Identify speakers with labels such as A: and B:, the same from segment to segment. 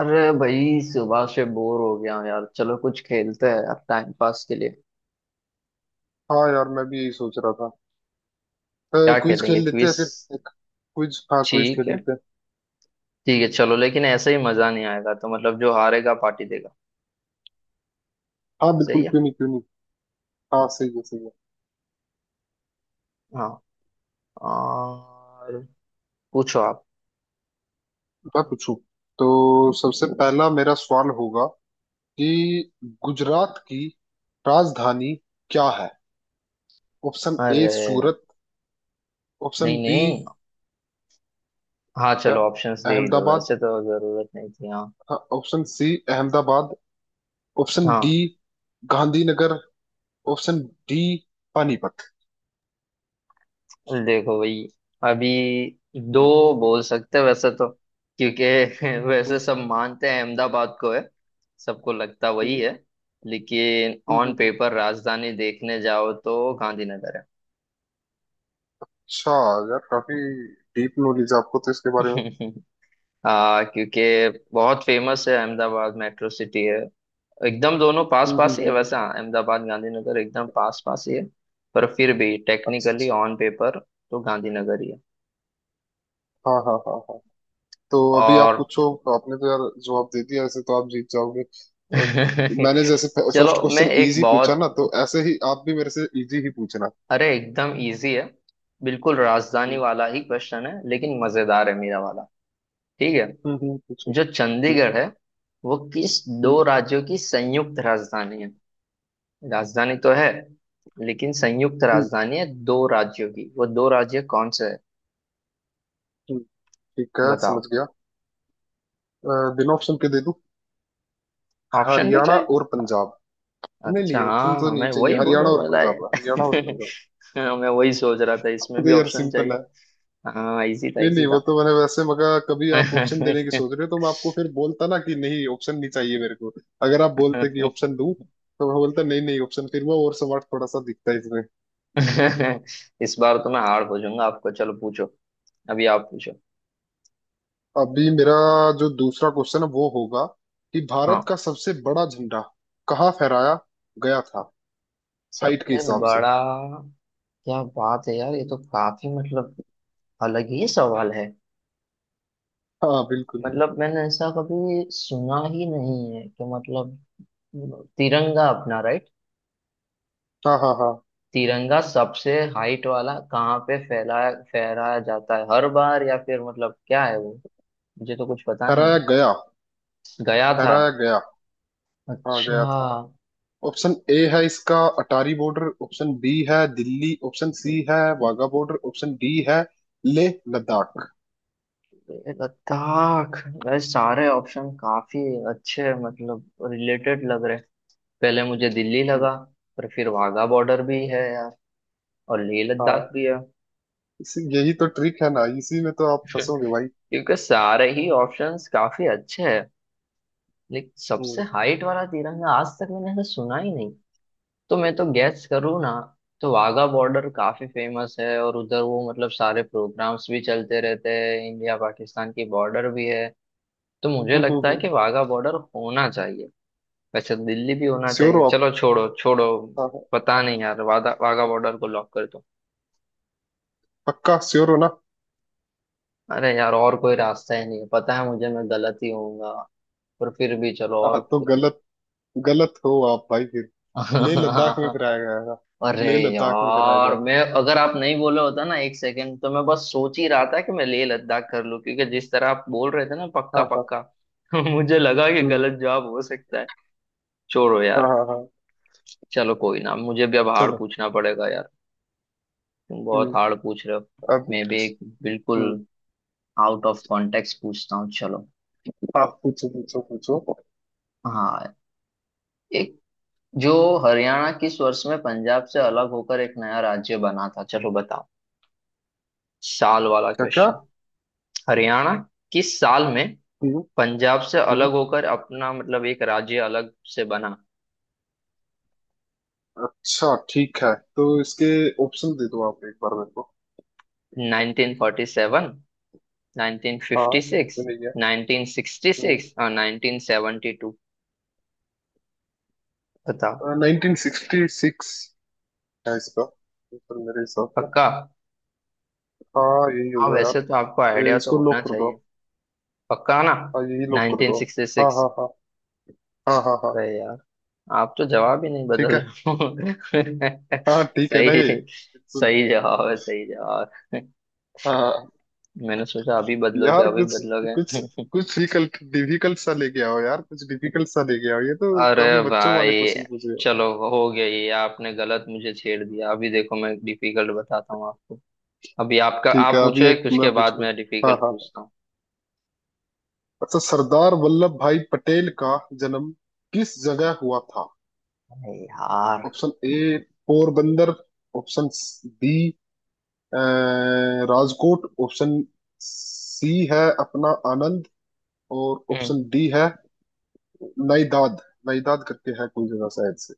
A: अरे भाई सुबह से बोर हो गया हूँ यार। चलो कुछ खेलते हैं अब टाइम पास के लिए।
B: हाँ यार, मैं भी यही सोच रहा था।
A: क्या
B: क्विज खेल
A: खेलेंगे,
B: लेते हैं,
A: क्विज?
B: फिर एक क्विज, हाँ क्विज
A: ठीक
B: खेल
A: है,
B: लेते हैं।
A: ठीक है चलो, लेकिन ऐसे ही मजा नहीं आएगा तो मतलब जो हारेगा पार्टी देगा।
B: हाँ
A: सही
B: बिल्कुल,
A: है,
B: क्यों नहीं, क्यों नहीं। हाँ, सही है, सही है।
A: हाँ। और पूछो आप।
B: मैं पूछूं तो सबसे पहला मेरा सवाल होगा कि गुजरात की राजधानी क्या है? ऑप्शन ए
A: अरे,
B: सूरत, ऑप्शन
A: नहीं
B: बी
A: नहीं, हाँ
B: क्या
A: चलो ऑप्शंस दे ही दो
B: अहमदाबाद,
A: वैसे तो जरूरत नहीं थी, हाँ।
B: हाँ option C Ahmedabad, option D
A: हाँ।
B: Gandhinagar, option D Panipat.
A: देखो भाई, अभी दो
B: हम्म,
A: बोल सकते हैं वैसे तो, क्योंकि वैसे
B: हम्म,
A: सब मानते हैं अहमदाबाद को है। सबको लगता वही
B: हम्म,
A: है, लेकिन ऑन
B: हम्म।
A: पेपर राजधानी देखने जाओ तो गांधीनगर है।
B: अच्छा यार, काफी डीप नॉलेज आपको तो इसके बारे में।
A: क्योंकि बहुत फेमस है अहमदाबाद, मेट्रो सिटी है। एकदम दोनों पास
B: हम्म, हम्म,
A: पास ही है
B: हम्म, हम्म।
A: वैसे, हाँ, अहमदाबाद गांधीनगर एकदम पास पास ही है। पर फिर भी
B: अच्छा
A: टेक्निकली
B: अच्छा।
A: ऑन पेपर तो गांधीनगर ही है।
B: हाँ हाँ हाँ हाँ, तो अभी आप
A: और
B: पूछो। आपने तो यार जवाब दे दिया, ऐसे तो आप जीत जाओगे। अ, मैंने जैसे
A: चलो
B: फर्स्ट
A: मैं
B: क्वेश्चन
A: एक
B: इजी पूछा
A: बहुत।
B: ना, तो ऐसे ही आप भी मेरे से इजी ही पूछना।
A: अरे एकदम इजी है, बिल्कुल राजधानी
B: हम्म,
A: वाला ही क्वेश्चन है, लेकिन मजेदार है मेरा वाला। ठीक है,
B: हम्म, पूछो।
A: जो
B: हम्म,
A: चंडीगढ़ है वो किस
B: हम्म,
A: दो राज्यों की संयुक्त राजधानी है? राजधानी तो है, लेकिन संयुक्त
B: हम्म,
A: राजधानी है दो राज्यों की, वो दो राज्य कौन से है?
B: हम्म। ठीक है, समझ
A: बताओ।
B: गया। बिना ऑप्शन के दे दूं?
A: ऑप्शन भी
B: हरियाणा
A: चाहिए।
B: और पंजाब। नहीं नहीं,
A: अच्छा
B: ऑप्शन तो
A: हाँ,
B: नहीं
A: मैं वही
B: चाहिए, हरियाणा
A: बोलूँ
B: और
A: बताए।
B: पंजाब, हरियाणा और पंजाब।
A: मैं वही सोच रहा था, इसमें
B: तो
A: भी
B: यार
A: ऑप्शन
B: सिंपल
A: चाहिए।
B: है।
A: हाँ इजी था,
B: नहीं
A: इजी
B: नहीं, वो
A: था।
B: तो मैंने वैसे मगा कभी आप ऑप्शन देने की सोच रहे हो, तो मैं आपको
A: इस
B: फिर बोलता ना कि नहीं ऑप्शन नहीं चाहिए मेरे को। अगर आप बोलते कि ऑप्शन दूं तो मैं बोलता नहीं नहीं, ऑप्शन फिर वो और स्मार्ट थोड़ा सा दिखता है इसमें।
A: बार तो मैं हार पूछूंगा आपको, चलो पूछो। अभी आप पूछो।
B: अभी मेरा जो दूसरा क्वेश्चन है वो होगा कि भारत
A: हाँ।
B: का सबसे बड़ा झंडा कहाँ फहराया गया था? हाइट के
A: सबसे
B: हिसाब से।
A: बड़ा? क्या बात है यार, ये तो काफी मतलब अलग ही सवाल है।
B: हाँ बिल्कुल।
A: मतलब मैंने ऐसा कभी सुना ही नहीं है कि मतलब तिरंगा अपना, राइट?
B: हाँ हाँ हाँ।
A: तिरंगा सबसे हाइट वाला कहाँ पे फैलाया फहराया जाता है हर बार, या फिर मतलब क्या है वो? मुझे तो कुछ पता नहीं।
B: फहराया गया,
A: गया था।
B: फहराया गया। हाँ, गया
A: अच्छा।
B: था। ऑप्शन ए है इसका अटारी बॉर्डर, ऑप्शन बी है दिल्ली, ऑप्शन सी है वाघा बॉर्डर, ऑप्शन डी है लेह लद्दाख।
A: ये लद्दाख? भाई सारे ऑप्शन काफी अच्छे, मतलब रिलेटेड लग रहे। पहले मुझे दिल्ली
B: हम्म।
A: लगा, पर फिर वाघा बॉर्डर भी है यार, और लेह
B: हाँ,
A: लद्दाख भी है।
B: इसी यही तो ट्रिक है ना, इसी में तो आप फंसोगे भाई।
A: क्योंकि सारे ही ऑप्शंस काफी अच्छे हैं, लेकिन सबसे हाइट वाला तिरंगा आज तक मैंने ऐसा सुना ही नहीं। तो मैं तो गैस करूँ ना, तो वाघा बॉर्डर काफी फेमस है, और उधर वो मतलब सारे प्रोग्राम्स भी चलते रहते हैं, इंडिया पाकिस्तान की बॉर्डर भी है। तो मुझे लगता है
B: हम्म।
A: कि वाघा बॉर्डर होना चाहिए। वैसे तो दिल्ली भी होना
B: श्योर
A: चाहिए,
B: हो आप?
A: चलो छोड़ो छोड़ो।
B: हाँ हाँ।
A: पता नहीं यार, वादा वाघा बॉर्डर को लॉक कर दो।
B: पक्का श्योर हो ना?
A: अरे यार, और कोई रास्ता ही नहीं है, पता है मुझे मैं गलत ही होऊंगा, पर फिर भी चलो और
B: हाँ, तो
A: कोई-।
B: गलत, गलत हो आप भाई फिर। लेह लद्दाख में फिराया गया था।
A: अरे
B: लेह लद्दाख में कराया
A: यार,
B: गया था।
A: मैं अगर आप नहीं बोले होता ना एक सेकंड तो मैं बस सोच ही रहा था कि मैं लेह लद्दाख कर लूं, क्योंकि जिस तरह आप बोल रहे थे ना पक्का
B: हाँ हाँ।
A: पक्का। मुझे लगा कि
B: हम्म।
A: गलत जवाब हो सकता है। छोड़ो
B: हाँ
A: यार।
B: हाँ हाँ।
A: चलो कोई ना, मुझे भी अब हार्ड
B: चलो।
A: पूछना पड़ेगा यार, तुम बहुत
B: हम्म।
A: हार्ड पूछ रहे हो।
B: अब।
A: मैं भी एक बिल्कुल
B: हम्म।
A: आउट ऑफ कॉन्टेक्स्ट पूछता हूँ, चलो।
B: आप पूछो पूछो पूछो।
A: हाँ। एक जो, हरियाणा किस वर्ष में पंजाब से अलग होकर एक नया राज्य बना था, चलो बताओ। साल वाला
B: क्या क्या?
A: क्वेश्चन। हरियाणा किस साल में
B: हम्म
A: पंजाब से
B: हम्म।
A: अलग होकर अपना मतलब एक राज्य अलग से बना।
B: अच्छा ठीक है, तो इसके ऑप्शन दे दो आप एक बार मेरे को।
A: 1947,
B: हाँ, ये
A: 1956,
B: तो नहीं है।
A: 1966 और 1972। बताओ।
B: 1966 है इसका उत्तर मेरे हिसाब से।
A: पक्का?
B: हाँ, यही
A: हाँ
B: होगा यार।
A: वैसे तो आपको आइडिया तो
B: इसको
A: होना
B: लॉक कर दो
A: चाहिए।
B: आप।
A: पक्का ना?
B: हाँ, यही लॉक कर दो आप। हाँ
A: 1966।
B: हाँ हाँ हाँ हाँ हाँ।
A: अरे यार, आप तो जवाब ही नहीं
B: ठीक
A: बदल
B: है।
A: रहे हो।
B: हाँ, ठीक है ना
A: सही।
B: ये, बिल्कुल।
A: सही जवाब है, सही जवाब है।
B: हाँ हाँ, हाँ।
A: मैंने सोचा अभी बदलोगे
B: यार
A: अभी
B: कुछ, कुछ,
A: बदलोगे।
B: कुछ डिफिकल्ट डिफिकल्ट सा लेके आओ यार, कुछ डिफिकल्ट सा लेके आओ, ये तो
A: अरे
B: काफी बच्चों
A: भाई,
B: वाले क्वेश्चन पूछ रहे हो।
A: चलो हो गया, ये आपने गलत मुझे छेड़ दिया, अभी देखो मैं डिफिकल्ट बताता हूँ आपको। अभी आपका,
B: ठीक
A: आप
B: है,
A: पूछो
B: अभी एक
A: एक,
B: मैं
A: उसके
B: पूछ
A: बाद
B: लूँ।
A: मैं
B: हाँ
A: डिफिकल्ट
B: हाँ।
A: पूछता हूँ।
B: अच्छा, सरदार वल्लभ भाई पटेल का जन्म किस जगह हुआ था?
A: अरे यार।
B: Option A Porbandar, option B अ, राजकोट, ऑप्शन सी है अपना आनंद, और
A: हम्म।
B: ऑप्शन डी है नाइदाद। नाइदाद करके है कोई जगह शायद से।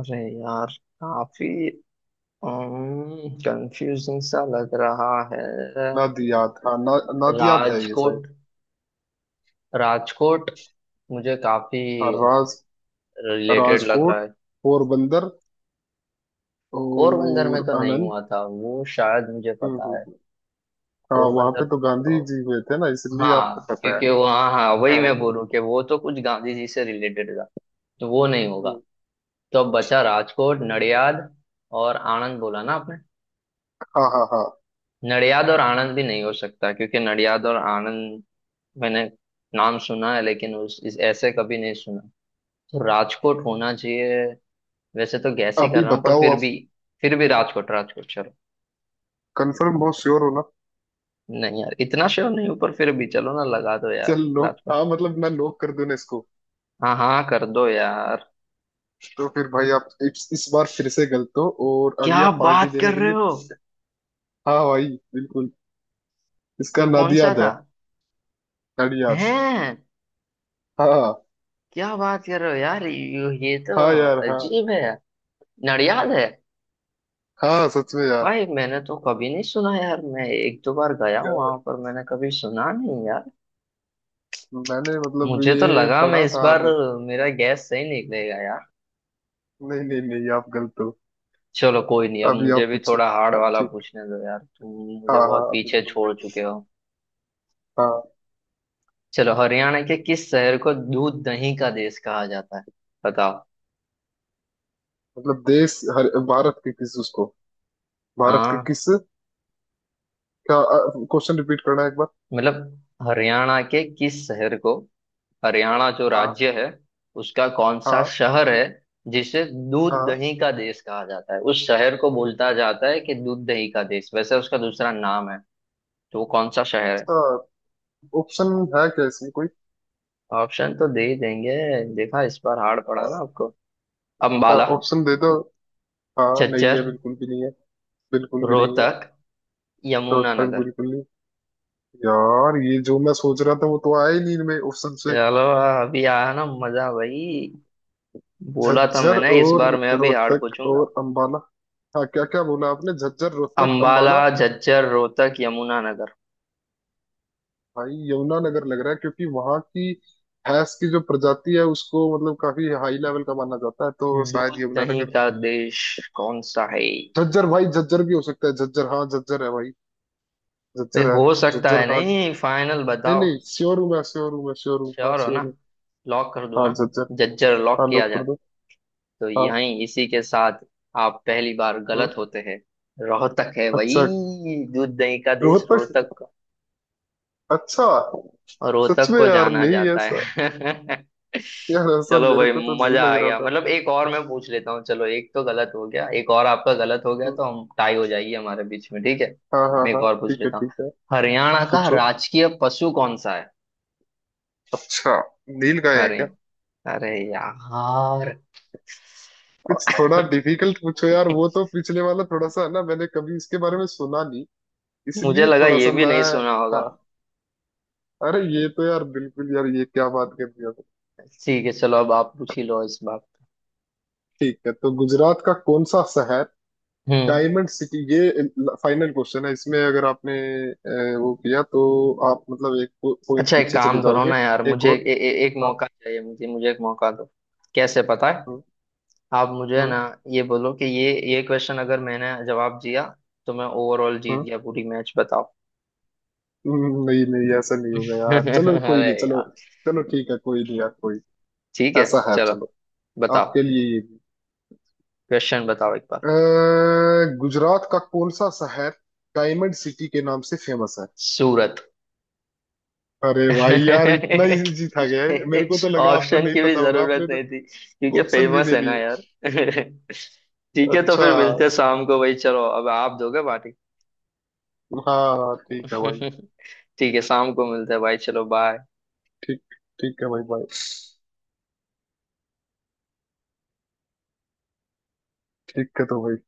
A: अरे यार काफी कंफ्यूजिंग सा लग रहा है।
B: नादियाद, हाँ ना, नादियाद है ये
A: राजकोट,
B: शायद।
A: राजकोट मुझे काफी
B: हाँ,
A: रिलेटेड लग रहा
B: राजकोट,
A: है।
B: पोरबंदर
A: पोरबंदर में
B: और
A: तो नहीं
B: आनंद।
A: हुआ था वो, शायद मुझे
B: हम्म,
A: पता है।
B: हाँ, वहां
A: पोरबंदर,
B: पे तो
A: तो
B: गांधी जी हुए थे ना, इसलिए आपको
A: हाँ
B: पता है।
A: क्योंकि वो, हाँ हाँ, वही मैं
B: हाँ।
A: बोलूँ कि वो तो कुछ गांधी जी से रिलेटेड था, तो वो नहीं होगा।
B: हाँ।
A: तो अब बचा राजकोट, नडियाद और आनंद, बोला ना आपने।
B: हाँ हाँ हाँ।
A: नडियाद और आनंद भी नहीं हो सकता, क्योंकि नडियाद और आनंद मैंने नाम सुना है लेकिन उस इस ऐसे कभी नहीं सुना। तो राजकोट होना चाहिए। वैसे तो गैस ही कर
B: अभी
A: रहा हूँ पर
B: बताओ
A: फिर
B: आप।
A: भी। फिर भी राजकोट, राजकोट चलो।
B: कंफर्म, बहुत श्योर हो ना?
A: नहीं यार इतना श्योर नहीं हूँ, पर फिर भी चलो ना लगा दो यार।
B: चल लोग,
A: राजकोट,
B: हाँ मतलब मैं लॉक कर दूं ना इसको?
A: हाँ हाँ कर दो यार।
B: तो फिर भाई आप इस बार फिर से गलत हो, और अभी
A: क्या
B: आप पार्टी
A: बात
B: देने
A: कर
B: के
A: रहे
B: लिए।
A: हो?
B: हाँ भाई, बिल्कुल। इसका
A: तो
B: नाद
A: कौन सा
B: याद है।
A: था?
B: नाड़ी याद।
A: हैं?
B: हाँ।
A: क्या बात कर रहे हो यार, ये तो
B: हाँ यार, हाँ।
A: अजीब है। नडियाद है?
B: हाँ, सच में यार।
A: भाई मैंने तो कभी नहीं सुना यार, मैं एक दो बार गया हूँ
B: यार
A: वहां पर, मैंने कभी सुना नहीं यार।
B: मैंने मतलब
A: मुझे तो
B: ये
A: लगा मैं
B: पढ़ा
A: इस
B: था
A: बार
B: अभी।
A: मेरा गैस सही निकलेगा यार।
B: नहीं नहीं नहीं, आप गलत हो।
A: चलो कोई नहीं, अब
B: अभी
A: मुझे
B: आप
A: भी
B: पूछो।
A: थोड़ा हार्ड
B: हाँ,
A: वाला
B: ठीक।
A: पूछने दो यार, तुम मुझे
B: हाँ हाँ,
A: बहुत पीछे
B: बिल्कुल
A: छोड़
B: बिल्कुल।
A: चुके हो।
B: हाँ,
A: चलो, हरियाणा के किस शहर को दूध दही का देश कहा जाता है? बताओ।
B: मतलब देश हर भारत के किस उसको, भारत के
A: हाँ
B: किस? क्या? क्वेश्चन रिपीट करना है एक बार।
A: मतलब हरियाणा के किस शहर को, हरियाणा जो
B: हाँ
A: राज्य है उसका कौन सा
B: हाँ
A: शहर है जिसे दूध
B: हाँ।
A: दही का देश कहा जाता है? उस शहर को बोलता जाता है कि दूध दही का देश, वैसे उसका दूसरा नाम है, तो वो कौन सा शहर है?
B: इसका ऑप्शन है क्या, इसमें कोई?
A: ऑप्शन तो दे ही देंगे। देखा इस बार हार्ड पड़ा ना आपको।
B: हाँ,
A: अम्बाला,
B: ऑप्शन दे दो। हाँ, नहीं है,
A: झज्जर,
B: बिल्कुल भी नहीं है। बिल्कुल भी नहीं है।
A: रोहतक,
B: तो तक
A: यमुनानगर।
B: बिल्कुल नहीं। यार, ये जो मैं सोच रहा था वो तो आया ही नहीं इनमें ऑप्शन से।
A: चलो, अभी आया ना मजा भाई, बोला था
B: झज्जर
A: मैंने इस
B: और
A: बार मैं अभी हार्ड
B: रोहतक
A: पूछूंगा।
B: और अंबाला। हाँ, क्या क्या बोला आपने, झज्जर रोहतक
A: अंबाला,
B: अंबाला?
A: झज्जर, रोहतक, यमुनानगर।
B: भाई यमुनानगर लग रहा है, क्योंकि वहां की भैंस की जो प्रजाति है उसको मतलब काफी हाई लेवल का माना जाता है, तो शायद
A: दूध दही
B: यमुनानगर।
A: का देश कौन सा है?
B: झज्जर, भाई झज्जर भी हो सकता है, झज्जर, हाँ झज्जर है भाई,
A: भाई
B: झज्जर है।
A: हो सकता
B: झज्जर,
A: है
B: हाँ।
A: नहीं, फाइनल
B: नहीं
A: बताओ।
B: नहीं, श्योर हूँ मैं, श्योर हूँ मैं, श्योर हूँ, हाँ
A: श्योर हो ना?
B: श्योर हूँ।
A: लॉक कर दूं
B: हाँ
A: ना?
B: झज्जर।
A: झज्जर लॉक
B: हाँ,
A: किया
B: लोग
A: जाए?
B: कर दो।
A: तो
B: हाँ।
A: यहीं इसी के साथ आप पहली बार
B: हम्म।
A: गलत होते हैं। रोहतक है भाई,
B: अच्छा।
A: दूध दही का देश
B: रोहतक।
A: रोहतक,
B: अच्छा। सच
A: रोहतक
B: में
A: को
B: यार,
A: जाना
B: नहीं
A: जाता
B: ऐसा।
A: है।
B: यार ऐसा
A: चलो
B: मेरे
A: भाई,
B: को तो नहीं
A: मजा
B: लग
A: आ
B: रहा
A: गया।
B: था।
A: मतलब एक और मैं पूछ लेता हूँ, चलो, एक तो गलत हो गया, एक और आपका गलत हो गया
B: हम्म।
A: तो हम टाई हो जाएगी हमारे बीच में, ठीक है।
B: हाँ हाँ
A: मैं एक
B: हाँ,
A: और पूछ
B: ठीक है,
A: लेता हूँ।
B: ठीक है।
A: हरियाणा का
B: पूछो।
A: राजकीय पशु कौन सा है?
B: अच्छा। नीलगाय है
A: अरे,
B: क्या?
A: अरे यार।
B: कुछ थोड़ा डिफिकल्ट पूछो यार, वो तो पिछले वाला थोड़ा सा है ना, मैंने कभी इसके बारे में सुना नहीं,
A: मुझे
B: इसलिए
A: लगा
B: थोड़ा
A: ये
B: सा
A: भी
B: मैं।
A: नहीं सुना होगा।
B: हाँ। अरे ये तो यार बिल्कुल, यार ये क्या बात कर दिया तो।
A: ठीक है चलो अब आप पूछ ही लो इस बात।
B: ठीक है, तो गुजरात का कौन सा शहर
A: हम्म।
B: Diamond city? ये फाइनल क्वेश्चन है, इसमें अगर आपने वो किया तो आप मतलब एक पॉइंट
A: अच्छा एक
B: पीछे चले
A: काम करो
B: जाओगे।
A: ना यार,
B: एक
A: मुझे
B: और।
A: ए, ए, एक
B: हाँ।
A: मौका चाहिए, मुझे मुझे एक मौका दो। कैसे पता है?
B: हाँ
A: आप मुझे
B: हाँ
A: ना ये बोलो कि ये क्वेश्चन अगर मैंने जवाब दिया तो मैं ओवरऑल जीत
B: हाँ।
A: गया पूरी मैच, बताओ।
B: नहीं नहीं, ऐसा नहीं होगा यार, चलो कोई
A: अरे
B: नहीं, चलो।
A: यार।
B: चलो ठीक है, कोई नहीं यार, कोई।
A: ठीक है
B: ऐसा है,
A: चलो,
B: चलो।
A: बताओ
B: आपके लिए ये भी।
A: क्वेश्चन बताओ एक बार।
B: गुजरात का कौन सा शहर डायमंड सिटी के नाम से फेमस है?
A: सूरत।
B: अरे भाई यार, इतना इजी था, गया है, मेरे को तो लगा आपको
A: ऑप्शन
B: नहीं
A: की भी
B: पता होगा
A: जरूरत
B: आपने तो।
A: नहीं थी क्योंकि
B: ऑप्शन भी
A: फेमस
B: नहीं
A: है ना
B: लिए।
A: यार। ठीक है तो
B: अच्छा।
A: फिर मिलते हैं शाम को भाई, चलो अब आप दोगे
B: हाँ हाँ, ठीक है भाई।
A: पार्टी। ठीक है शाम को मिलते हैं भाई, चलो बाय।
B: ठीक। ठीक है भाई भाई। ठीक है तो भाई।